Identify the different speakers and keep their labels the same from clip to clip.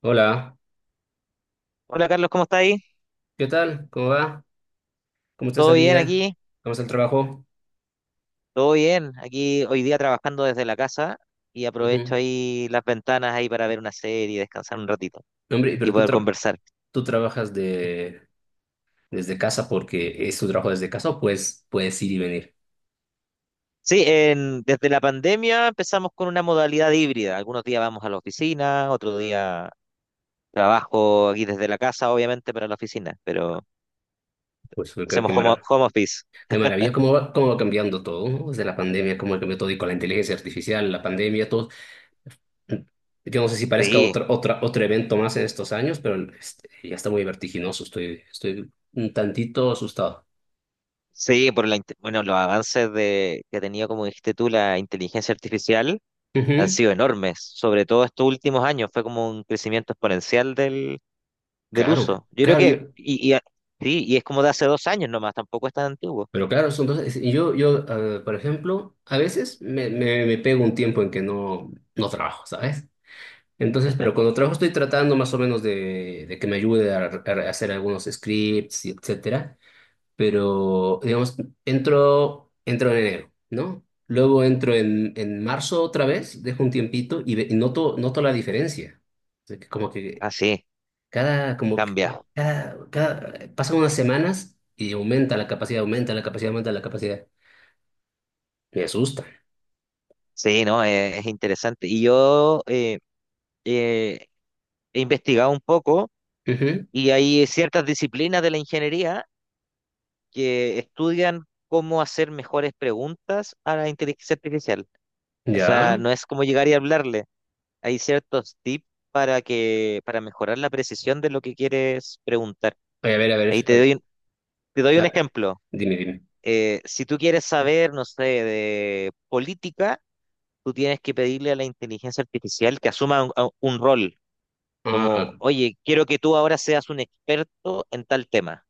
Speaker 1: Hola,
Speaker 2: Hola Carlos, ¿cómo está ahí?
Speaker 1: ¿qué tal? ¿Cómo va? ¿Cómo está
Speaker 2: ¿Todo
Speaker 1: esa
Speaker 2: bien
Speaker 1: vida?
Speaker 2: aquí?
Speaker 1: ¿Cómo está el trabajo?
Speaker 2: Todo bien. Aquí hoy día trabajando desde la casa y aprovecho
Speaker 1: Ujú.
Speaker 2: ahí las ventanas ahí para ver una serie, descansar un ratito
Speaker 1: No, hombre,
Speaker 2: y
Speaker 1: pero tú,
Speaker 2: poder
Speaker 1: tra-
Speaker 2: conversar.
Speaker 1: tú trabajas desde casa porque es tu trabajo desde casa o puedes ir y venir.
Speaker 2: Sí, desde la pandemia empezamos con una modalidad híbrida. Algunos días vamos a la oficina, otro día trabajo aquí desde la casa, obviamente, para la oficina, pero
Speaker 1: Pues qué, qué,
Speaker 2: hacemos
Speaker 1: mara-
Speaker 2: home office.
Speaker 1: Qué maravilla, cómo va cambiando todo, ¿no? Desde la pandemia, cómo ha cambiado todo y con la inteligencia artificial, la pandemia, todo. Yo no sé si parezca
Speaker 2: Sí,
Speaker 1: otro evento más en estos años, pero este, ya está muy vertiginoso, estoy un tantito asustado.
Speaker 2: sí, bueno, los avances que ha tenido, como dijiste tú, la inteligencia artificial han
Speaker 1: Ujú.
Speaker 2: sido enormes, sobre todo estos últimos años, fue como un crecimiento exponencial del
Speaker 1: Claro,
Speaker 2: uso. Yo creo
Speaker 1: claro,
Speaker 2: que,
Speaker 1: yo.
Speaker 2: y, y, a- sí, y es como de hace dos años nomás, tampoco es tan antiguo.
Speaker 1: Pero claro, son dos. Y yo, por ejemplo, a veces me pego un tiempo en que no trabajo, ¿sabes? Entonces, pero cuando trabajo estoy tratando más o menos de que me ayude a hacer algunos scripts, y etcétera. Pero, digamos, entro en enero, ¿no? Luego entro en marzo otra vez, dejo un tiempito y noto la diferencia. O sea, que como que
Speaker 2: Ah, sí,
Speaker 1: cada, como que
Speaker 2: cambia.
Speaker 1: cada pasan unas semanas y aumenta la capacidad, aumenta la capacidad, aumenta la capacidad. Me asusta.
Speaker 2: Sí, no, es interesante. Y yo eh, he investigado un poco
Speaker 1: Ujú.
Speaker 2: y hay ciertas disciplinas de la ingeniería que estudian cómo hacer mejores preguntas a la inteligencia artificial. O sea,
Speaker 1: Ya.
Speaker 2: no es como llegar y hablarle, hay ciertos tips para mejorar la precisión de lo que quieres preguntar.
Speaker 1: Oye, a ver, a
Speaker 2: Ahí
Speaker 1: ver.
Speaker 2: te doy, un- Te doy un
Speaker 1: Ah,
Speaker 2: ejemplo.
Speaker 1: Dime, dime.
Speaker 2: Si tú quieres saber, no sé, de política, tú tienes que pedirle a la inteligencia artificial que asuma un rol, como,
Speaker 1: Ah,
Speaker 2: oye, quiero que tú ahora seas un experto en tal tema.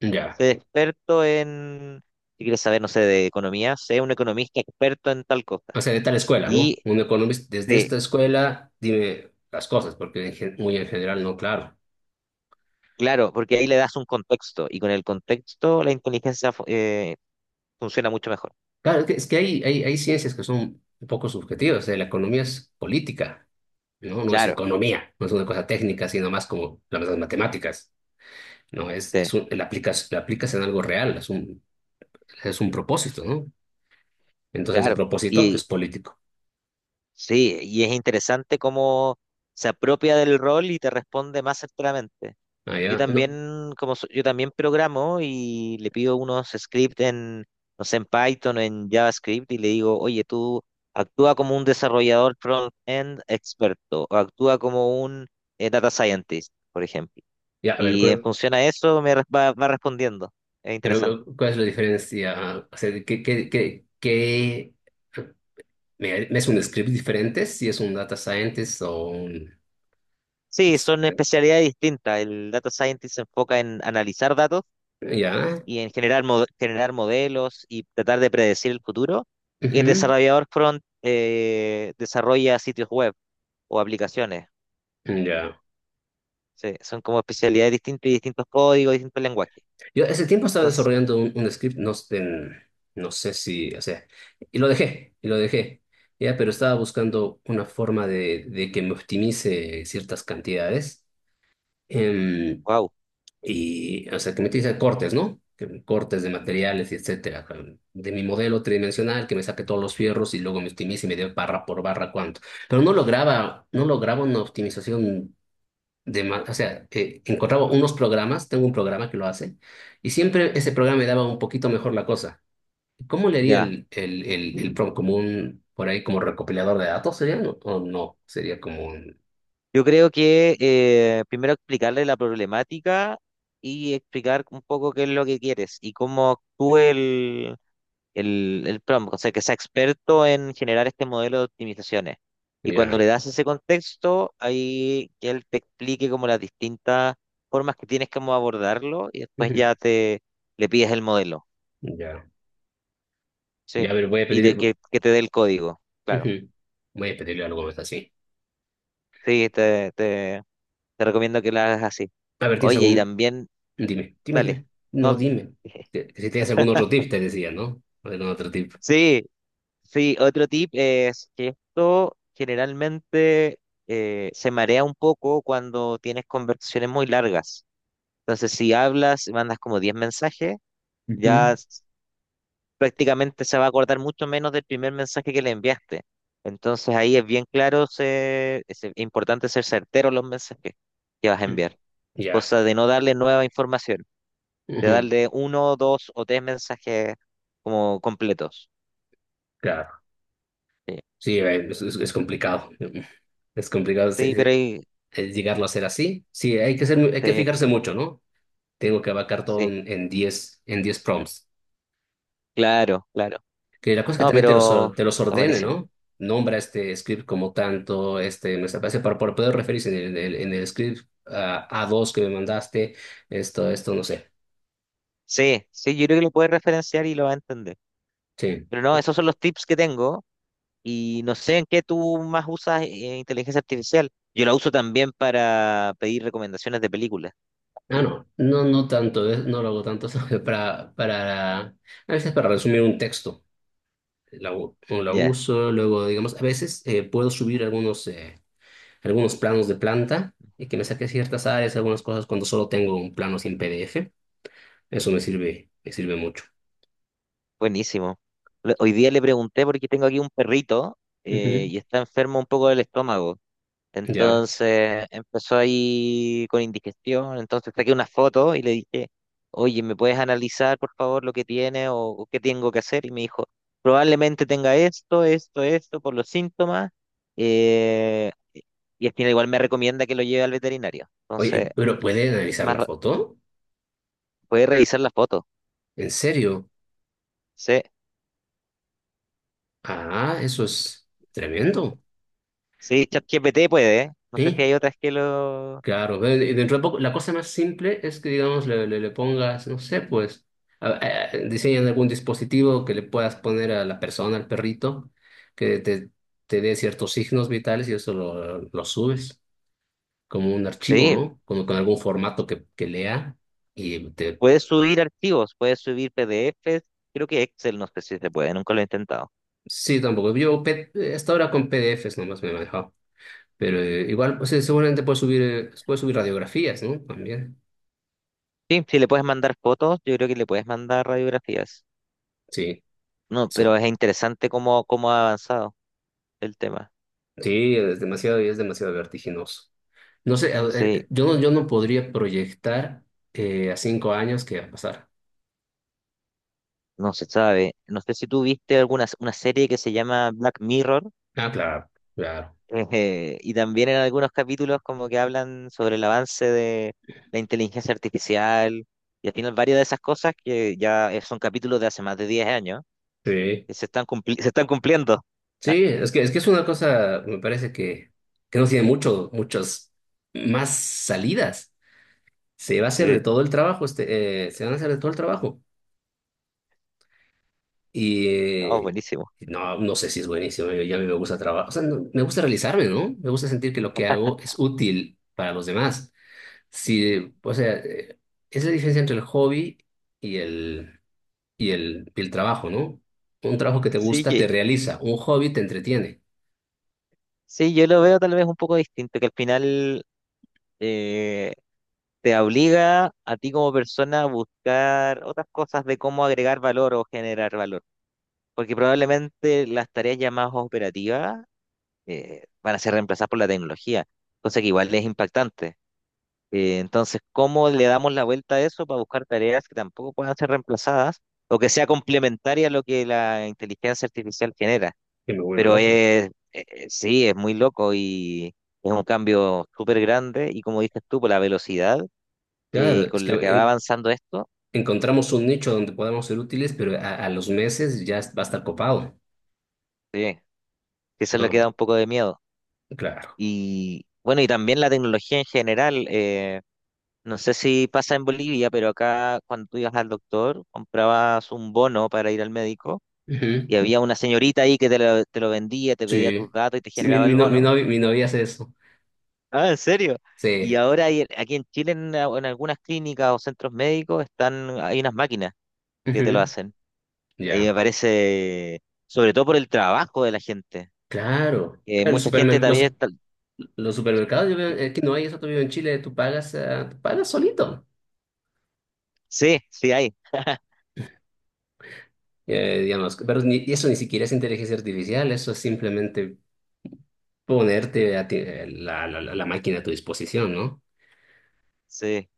Speaker 1: ya.
Speaker 2: Sé experto en, si quieres saber, no sé, de economía, sé un economista experto en tal
Speaker 1: O
Speaker 2: cosa.
Speaker 1: sea, de tal escuela, ¿no?
Speaker 2: Y
Speaker 1: Un economista, desde
Speaker 2: sí,
Speaker 1: esta escuela, dime las cosas, porque muy en general no, claro.
Speaker 2: claro, porque ahí le das un contexto y con el contexto la inteligencia funciona mucho mejor.
Speaker 1: Claro, es que hay ciencias que son un poco subjetivas. O sea, la economía es política, ¿no? No es
Speaker 2: Claro,
Speaker 1: economía, no es una cosa técnica, sino más como las matemáticas, ¿no?
Speaker 2: sí,
Speaker 1: La aplicas en algo real, es un propósito, ¿no? Entonces, el
Speaker 2: claro.
Speaker 1: propósito
Speaker 2: Y
Speaker 1: es político.
Speaker 2: sí, y es interesante cómo se apropia del rol y te responde más certeramente.
Speaker 1: Ah,
Speaker 2: Yo
Speaker 1: ya, no.
Speaker 2: también, yo también programo y le pido unos scripts en, no sé, en Python o en JavaScript y le digo, oye, tú actúa como un desarrollador front-end experto o actúa como un data scientist, por ejemplo.
Speaker 1: Ya, a ver,
Speaker 2: Y en función a eso va respondiendo. Es interesante.
Speaker 1: pero ¿cuál es la diferencia? O sea, ¿ me es un script diferente si es un data scientist o un...?
Speaker 2: Sí, son especialidades distintas. El data scientist se enfoca en analizar datos
Speaker 1: Ya.
Speaker 2: y en generar modelos y tratar de predecir el futuro. Y el
Speaker 1: Ujú.
Speaker 2: desarrollador front desarrolla sitios web o aplicaciones.
Speaker 1: Ya.
Speaker 2: Sí, son como especialidades distintas y distintos códigos, distintos lenguajes.
Speaker 1: Yo ese tiempo estaba
Speaker 2: Entonces,
Speaker 1: desarrollando un script, no, sé en- no sé si, o sea, y y lo dejé. Ya, pero estaba buscando una forma de que me optimice ciertas cantidades. em,
Speaker 2: wow,
Speaker 1: Y, o sea, que me a cortes, ¿no? Cortes de materiales y etcétera. De mi modelo tridimensional, que me saque todos los fierros y luego me optimice y me dé barra por barra cuánto. Pero no lograba una optimización de más. O sea, encontraba unos programas, tengo un programa que lo hace, y siempre ese programa me daba un poquito mejor la cosa. ¿Cómo le haría
Speaker 2: ya.
Speaker 1: el prompt como un, por ahí, como recopilador de datos? ¿Sería? ¿No? ¿O no? Sería como un.
Speaker 2: Yo creo que primero explicarle la problemática y explicar un poco qué es lo que quieres y cómo actúa el prompt, o sea, que sea experto en generar este modelo de optimizaciones. Y cuando
Speaker 1: Ya.
Speaker 2: le das ese contexto, ahí que él te explique como las distintas formas que tienes como abordarlo y después
Speaker 1: Ujú.
Speaker 2: ya te le pides el modelo,
Speaker 1: Ya. Ya, a
Speaker 2: ¿sí?
Speaker 1: ver, voy a
Speaker 2: Y de
Speaker 1: pedir.
Speaker 2: que te dé el código, claro.
Speaker 1: Ujú. Voy a pedirle algo más así.
Speaker 2: Sí, te recomiendo que lo hagas así.
Speaker 1: A ver, ¿tienes
Speaker 2: Oye, y
Speaker 1: algún...?
Speaker 2: también,
Speaker 1: Dime, dime,
Speaker 2: dale,
Speaker 1: dime. No,
Speaker 2: no,
Speaker 1: dime. Si tienes algún otro tip, te decía, ¿no? Algún otro tip.
Speaker 2: sí, sí, otro tip es que esto generalmente se marea un poco cuando tienes conversaciones muy largas. Entonces, si hablas, mandas como 10 mensajes, ya
Speaker 1: Ujú.
Speaker 2: s- prácticamente se va a acordar mucho menos del primer mensaje que le enviaste. Entonces, ahí es bien claro, se- es importante ser certero en los mensajes que vas a
Speaker 1: Sí.
Speaker 2: enviar.
Speaker 1: Ya.
Speaker 2: Cosa de no darle nueva información, de
Speaker 1: Ujú.
Speaker 2: darle uno, dos o tres mensajes como completos.
Speaker 1: Claro.
Speaker 2: Sí,
Speaker 1: Sí, es complicado. Es complicado
Speaker 2: sí, pero ahí...
Speaker 1: llegarlo a ser así. Sí, hay que ser, hay que
Speaker 2: sí.
Speaker 1: fijarse mucho, ¿no? Tengo que abarcar todo
Speaker 2: Sí.
Speaker 1: en 10, en 10 prompts.
Speaker 2: Claro, claro.
Speaker 1: Que la cosa es que
Speaker 2: No,
Speaker 1: también te los,
Speaker 2: pero
Speaker 1: te los
Speaker 2: está
Speaker 1: ordene,
Speaker 2: buenísimo.
Speaker 1: ¿no? Nombra este script como tanto, este, me parece, para poder referirse en el script a dos que me mandaste, esto, no sé.
Speaker 2: Sí, sí, yo creo que lo puedes referenciar y lo va a entender.
Speaker 1: Sí.
Speaker 2: Pero no, esos son los tips que tengo y no sé en qué tú más usas inteligencia artificial. Yo la uso también para pedir recomendaciones de películas.
Speaker 1: Ah, no, no, no tanto, no lo hago tanto, solo para, a veces para resumir un texto, o la
Speaker 2: Ya,
Speaker 1: uso, luego, digamos, a veces puedo subir algunos planos de planta y que me saque ciertas áreas, algunas cosas cuando solo tengo un plano sin PDF, eso me sirve mucho.
Speaker 2: buenísimo. Hoy día le pregunté porque tengo aquí un perrito
Speaker 1: Ujú.
Speaker 2: y está enfermo un poco del estómago.
Speaker 1: Ya.
Speaker 2: Entonces empezó ahí con indigestión, entonces saqué una foto y le dije, oye, ¿me puedes analizar por favor lo que tiene o qué tengo que hacer? Y me dijo, probablemente tenga esto, esto, esto por los síntomas. eh, y al final igual me recomienda que lo lleve al veterinario. Entonces,
Speaker 1: Oye, pero ¿puede analizar
Speaker 2: más
Speaker 1: la
Speaker 2: ra-
Speaker 1: foto?
Speaker 2: puede revisar la foto.
Speaker 1: ¿En serio?
Speaker 2: Sí,
Speaker 1: Ah, eso es tremendo.
Speaker 2: sí, ChatGPT puede, ¿eh? No sé si
Speaker 1: Sí,
Speaker 2: hay otras que lo...
Speaker 1: claro. Y dentro de poco, la cosa más simple es que, digamos, le pongas, no sé, pues, a- diseñan algún dispositivo que le puedas poner a la persona, al perrito, que te, te dé ciertos signos vitales y eso lo subes como un archivo,
Speaker 2: Sí,
Speaker 1: ¿no? Con algún formato que lea y te...
Speaker 2: puedes subir archivos, puedes subir PDFs. Creo que Excel, no sé si se puede, nunca lo he intentado.
Speaker 1: Sí, tampoco. Hasta ahora con PDFs nomás me he manejado. Pero igual, pues, puedes subir radiografías, ¿no? También.
Speaker 2: Sí, si le puedes mandar fotos, yo creo que le puedes mandar radiografías.
Speaker 1: Sí,
Speaker 2: No, pero
Speaker 1: eso.
Speaker 2: es interesante cómo, cómo ha avanzado el tema.
Speaker 1: Sí, es demasiado vertiginoso. No sé,
Speaker 2: Sí,
Speaker 1: yo no podría proyectar a 5 años qué va a pasar.
Speaker 2: no se sabe. No sé si tú viste alguna una serie que se llama Black Mirror,
Speaker 1: Ah, claro, claro.
Speaker 2: y también en algunos capítulos como que hablan sobre el avance de la inteligencia artificial, y al final varias de esas cosas que ya son capítulos de hace más de 10 años,
Speaker 1: Sí.
Speaker 2: que se están cumpliendo.
Speaker 1: Sí, es que es una cosa, me parece que no tiene mucho, muchas más salidas. Se va a hacer de
Speaker 2: Sí,
Speaker 1: todo el trabajo, se van a hacer de todo el trabajo. Y
Speaker 2: no, buenísimo.
Speaker 1: no, no sé si es buenísimo, ya a mí me gusta trabajar, o sea, me gusta realizarme, ¿no? Me gusta sentir que lo que hago es útil para los demás. Sí, o sea, es la diferencia entre el hobby y el, y el trabajo, ¿no? Un trabajo que te
Speaker 2: Sí,
Speaker 1: gusta te realiza, un hobby te entretiene,
Speaker 2: sí, yo lo veo tal vez un poco distinto, que al final eh, te obliga a ti como persona a buscar otras cosas de cómo agregar valor o generar valor, porque probablemente las tareas ya más operativas van a ser reemplazadas por la tecnología, cosa que igual es impactante. Entonces, ¿cómo le damos la vuelta a eso para buscar tareas que tampoco puedan ser reemplazadas o que sea complementaria a lo que la inteligencia artificial genera?
Speaker 1: que me vuelve
Speaker 2: Pero
Speaker 1: loco.
Speaker 2: es, sí, es muy loco y es un cambio súper grande y como dices tú, por la velocidad
Speaker 1: Claro,
Speaker 2: que
Speaker 1: es
Speaker 2: con
Speaker 1: que
Speaker 2: la que va avanzando esto,
Speaker 1: encontramos un nicho donde podamos ser útiles, pero a los meses ya va a estar copado.
Speaker 2: sí, que eso es lo que
Speaker 1: No,
Speaker 2: da un poco de miedo.
Speaker 1: claro.
Speaker 2: Y bueno, y también la tecnología en general, no sé si pasa en Bolivia, pero acá cuando tú ibas al doctor, comprabas un bono para ir al médico
Speaker 1: Ujú.
Speaker 2: y había una señorita ahí que te lo vendía, te pedía tus
Speaker 1: Sí.
Speaker 2: datos y te
Speaker 1: Sí, mi,
Speaker 2: generaba
Speaker 1: mi,
Speaker 2: el
Speaker 1: no-
Speaker 2: bono.
Speaker 1: mi novia hace eso.
Speaker 2: Ah, ¿en serio? Y
Speaker 1: Sí,
Speaker 2: aquí en Chile, en algunas clínicas o centros médicos, están, hay unas máquinas que te lo
Speaker 1: ujú.
Speaker 2: hacen. Y
Speaker 1: Ya.
Speaker 2: me parece, sobre todo por el trabajo de la gente
Speaker 1: Claro.
Speaker 2: que
Speaker 1: Claro,
Speaker 2: mucha gente también
Speaker 1: los supermercados, yo veo, que no hay eso todavía en Chile, tú pagas solito,
Speaker 2: sí, sí hay.
Speaker 1: digamos, pero eso ni siquiera es inteligencia artificial, eso es simplemente ponerte a ti- la, la, la la máquina a tu disposición, ¿no?
Speaker 2: Sí.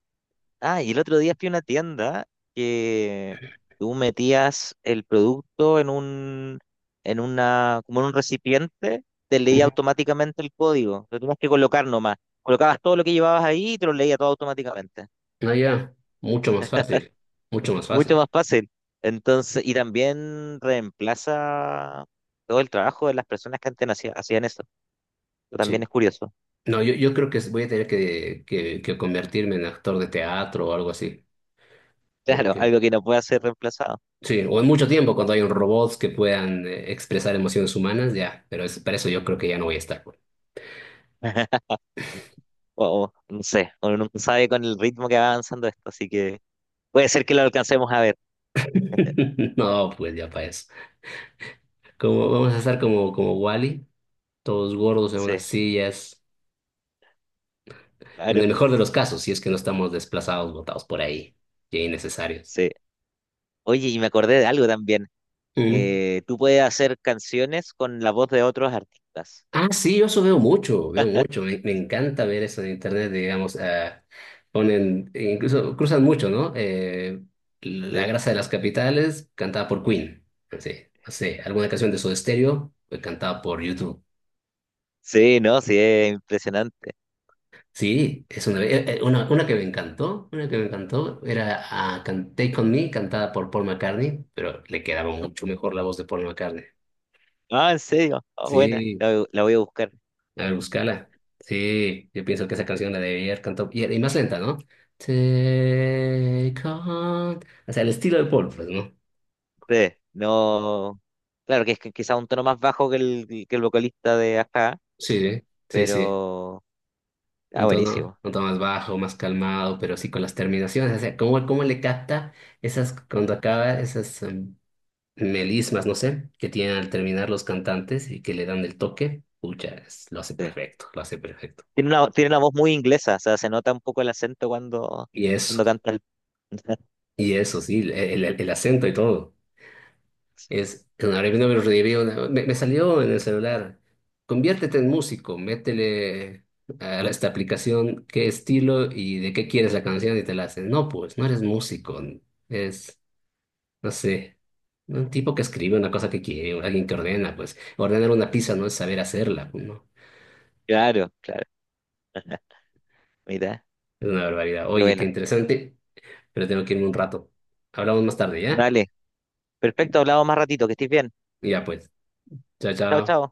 Speaker 2: Ah, y el otro día fui a una tienda que tú metías el producto en una, como en un recipiente, te leía
Speaker 1: Ujú.
Speaker 2: automáticamente el código. Lo tenías que colocar nomás. Colocabas todo lo que llevabas ahí y te lo leía todo automáticamente.
Speaker 1: No, ya, mucho más fácil, mucho más
Speaker 2: Mucho
Speaker 1: fácil,
Speaker 2: más fácil. Entonces, y también reemplaza todo el trabajo de las personas que antes no hacían eso. Eso también
Speaker 1: sí.
Speaker 2: es curioso.
Speaker 1: No, yo creo que voy a tener que convertirme en actor de teatro o algo así,
Speaker 2: Claro,
Speaker 1: porque
Speaker 2: algo que no puede ser reemplazado.
Speaker 1: sí, o en mucho tiempo, cuando hay un robots que puedan expresar emociones humanas, ya, pero es, para eso yo creo que ya no voy a estar, pues.
Speaker 2: O, o no sé, uno nunca sabe con el ritmo que va avanzando esto, así que puede ser que lo alcancemos a ver.
Speaker 1: No, pues ya para eso. Como, vamos a estar como Wally, todos gordos en unas
Speaker 2: Sí,
Speaker 1: sillas, en
Speaker 2: claro,
Speaker 1: el mejor de los casos, si es que no estamos desplazados, botados por ahí, ya innecesarios.
Speaker 2: sí. Oye, y me acordé de algo también. Tú puedes hacer canciones con la voz de otros artistas.
Speaker 1: Ah, sí, yo eso veo mucho, veo mucho. Me encanta ver eso en internet, digamos. Ponen, e incluso cruzan mucho, ¿no? La
Speaker 2: Sí.
Speaker 1: grasa de las capitales, cantada por Queen. Sí, no sé, alguna canción de Soda Stereo, fue cantada por YouTube.
Speaker 2: Sí, no, sí, es impresionante.
Speaker 1: Sí, es una que me encantó, era Take On Me, cantada por Paul McCartney, pero le quedaba mucho mejor la voz de Paul McCartney.
Speaker 2: Ah, en serio. Ah, buena,
Speaker 1: Sí.
Speaker 2: voy la voy a buscar.
Speaker 1: A ver, búscala. Sí, yo pienso que esa canción la debía haber cantado. Y más lenta, ¿no? Take on. O sea, el estilo de Paul, pues, ¿no?
Speaker 2: Sí, no. Claro que es que quizá un tono más bajo que que el vocalista de acá,
Speaker 1: Sí, sí, sí.
Speaker 2: pero. Ah, buenísimo.
Speaker 1: Un tono más bajo, más calmado, pero sí con las terminaciones. O sea, cómo le capta esas, cuando acaba, esas melismas, no sé, que tienen al terminar los cantantes y que le dan el toque? Pucha, lo hace
Speaker 2: Sí.
Speaker 1: perfecto, lo hace perfecto.
Speaker 2: Tiene una voz muy inglesa, o sea, se nota un poco el acento cuando,
Speaker 1: Y eso,
Speaker 2: cuando canta el...
Speaker 1: y eso, sí, el acento y todo.
Speaker 2: Sí.
Speaker 1: Es, claro, y no me lo reviví me salió en el celular. Conviértete en músico, métele a esta aplicación qué estilo y de qué quieres la canción y te la hacen. No, pues, no eres músico, es, no sé, un tipo que escribe una cosa que quiere, o alguien que ordena, pues, ordenar una pizza no es saber hacerla, pues, no,
Speaker 2: Claro, claro. Mira,
Speaker 1: es una barbaridad.
Speaker 2: qué
Speaker 1: Oye, qué
Speaker 2: bueno.
Speaker 1: interesante, pero tengo que irme un rato. Hablamos más tarde, ¿ya?
Speaker 2: Vale, perfecto, hablamos más ratito, que estés bien.
Speaker 1: Ya, pues, chao,
Speaker 2: Chao,
Speaker 1: chao.
Speaker 2: chao.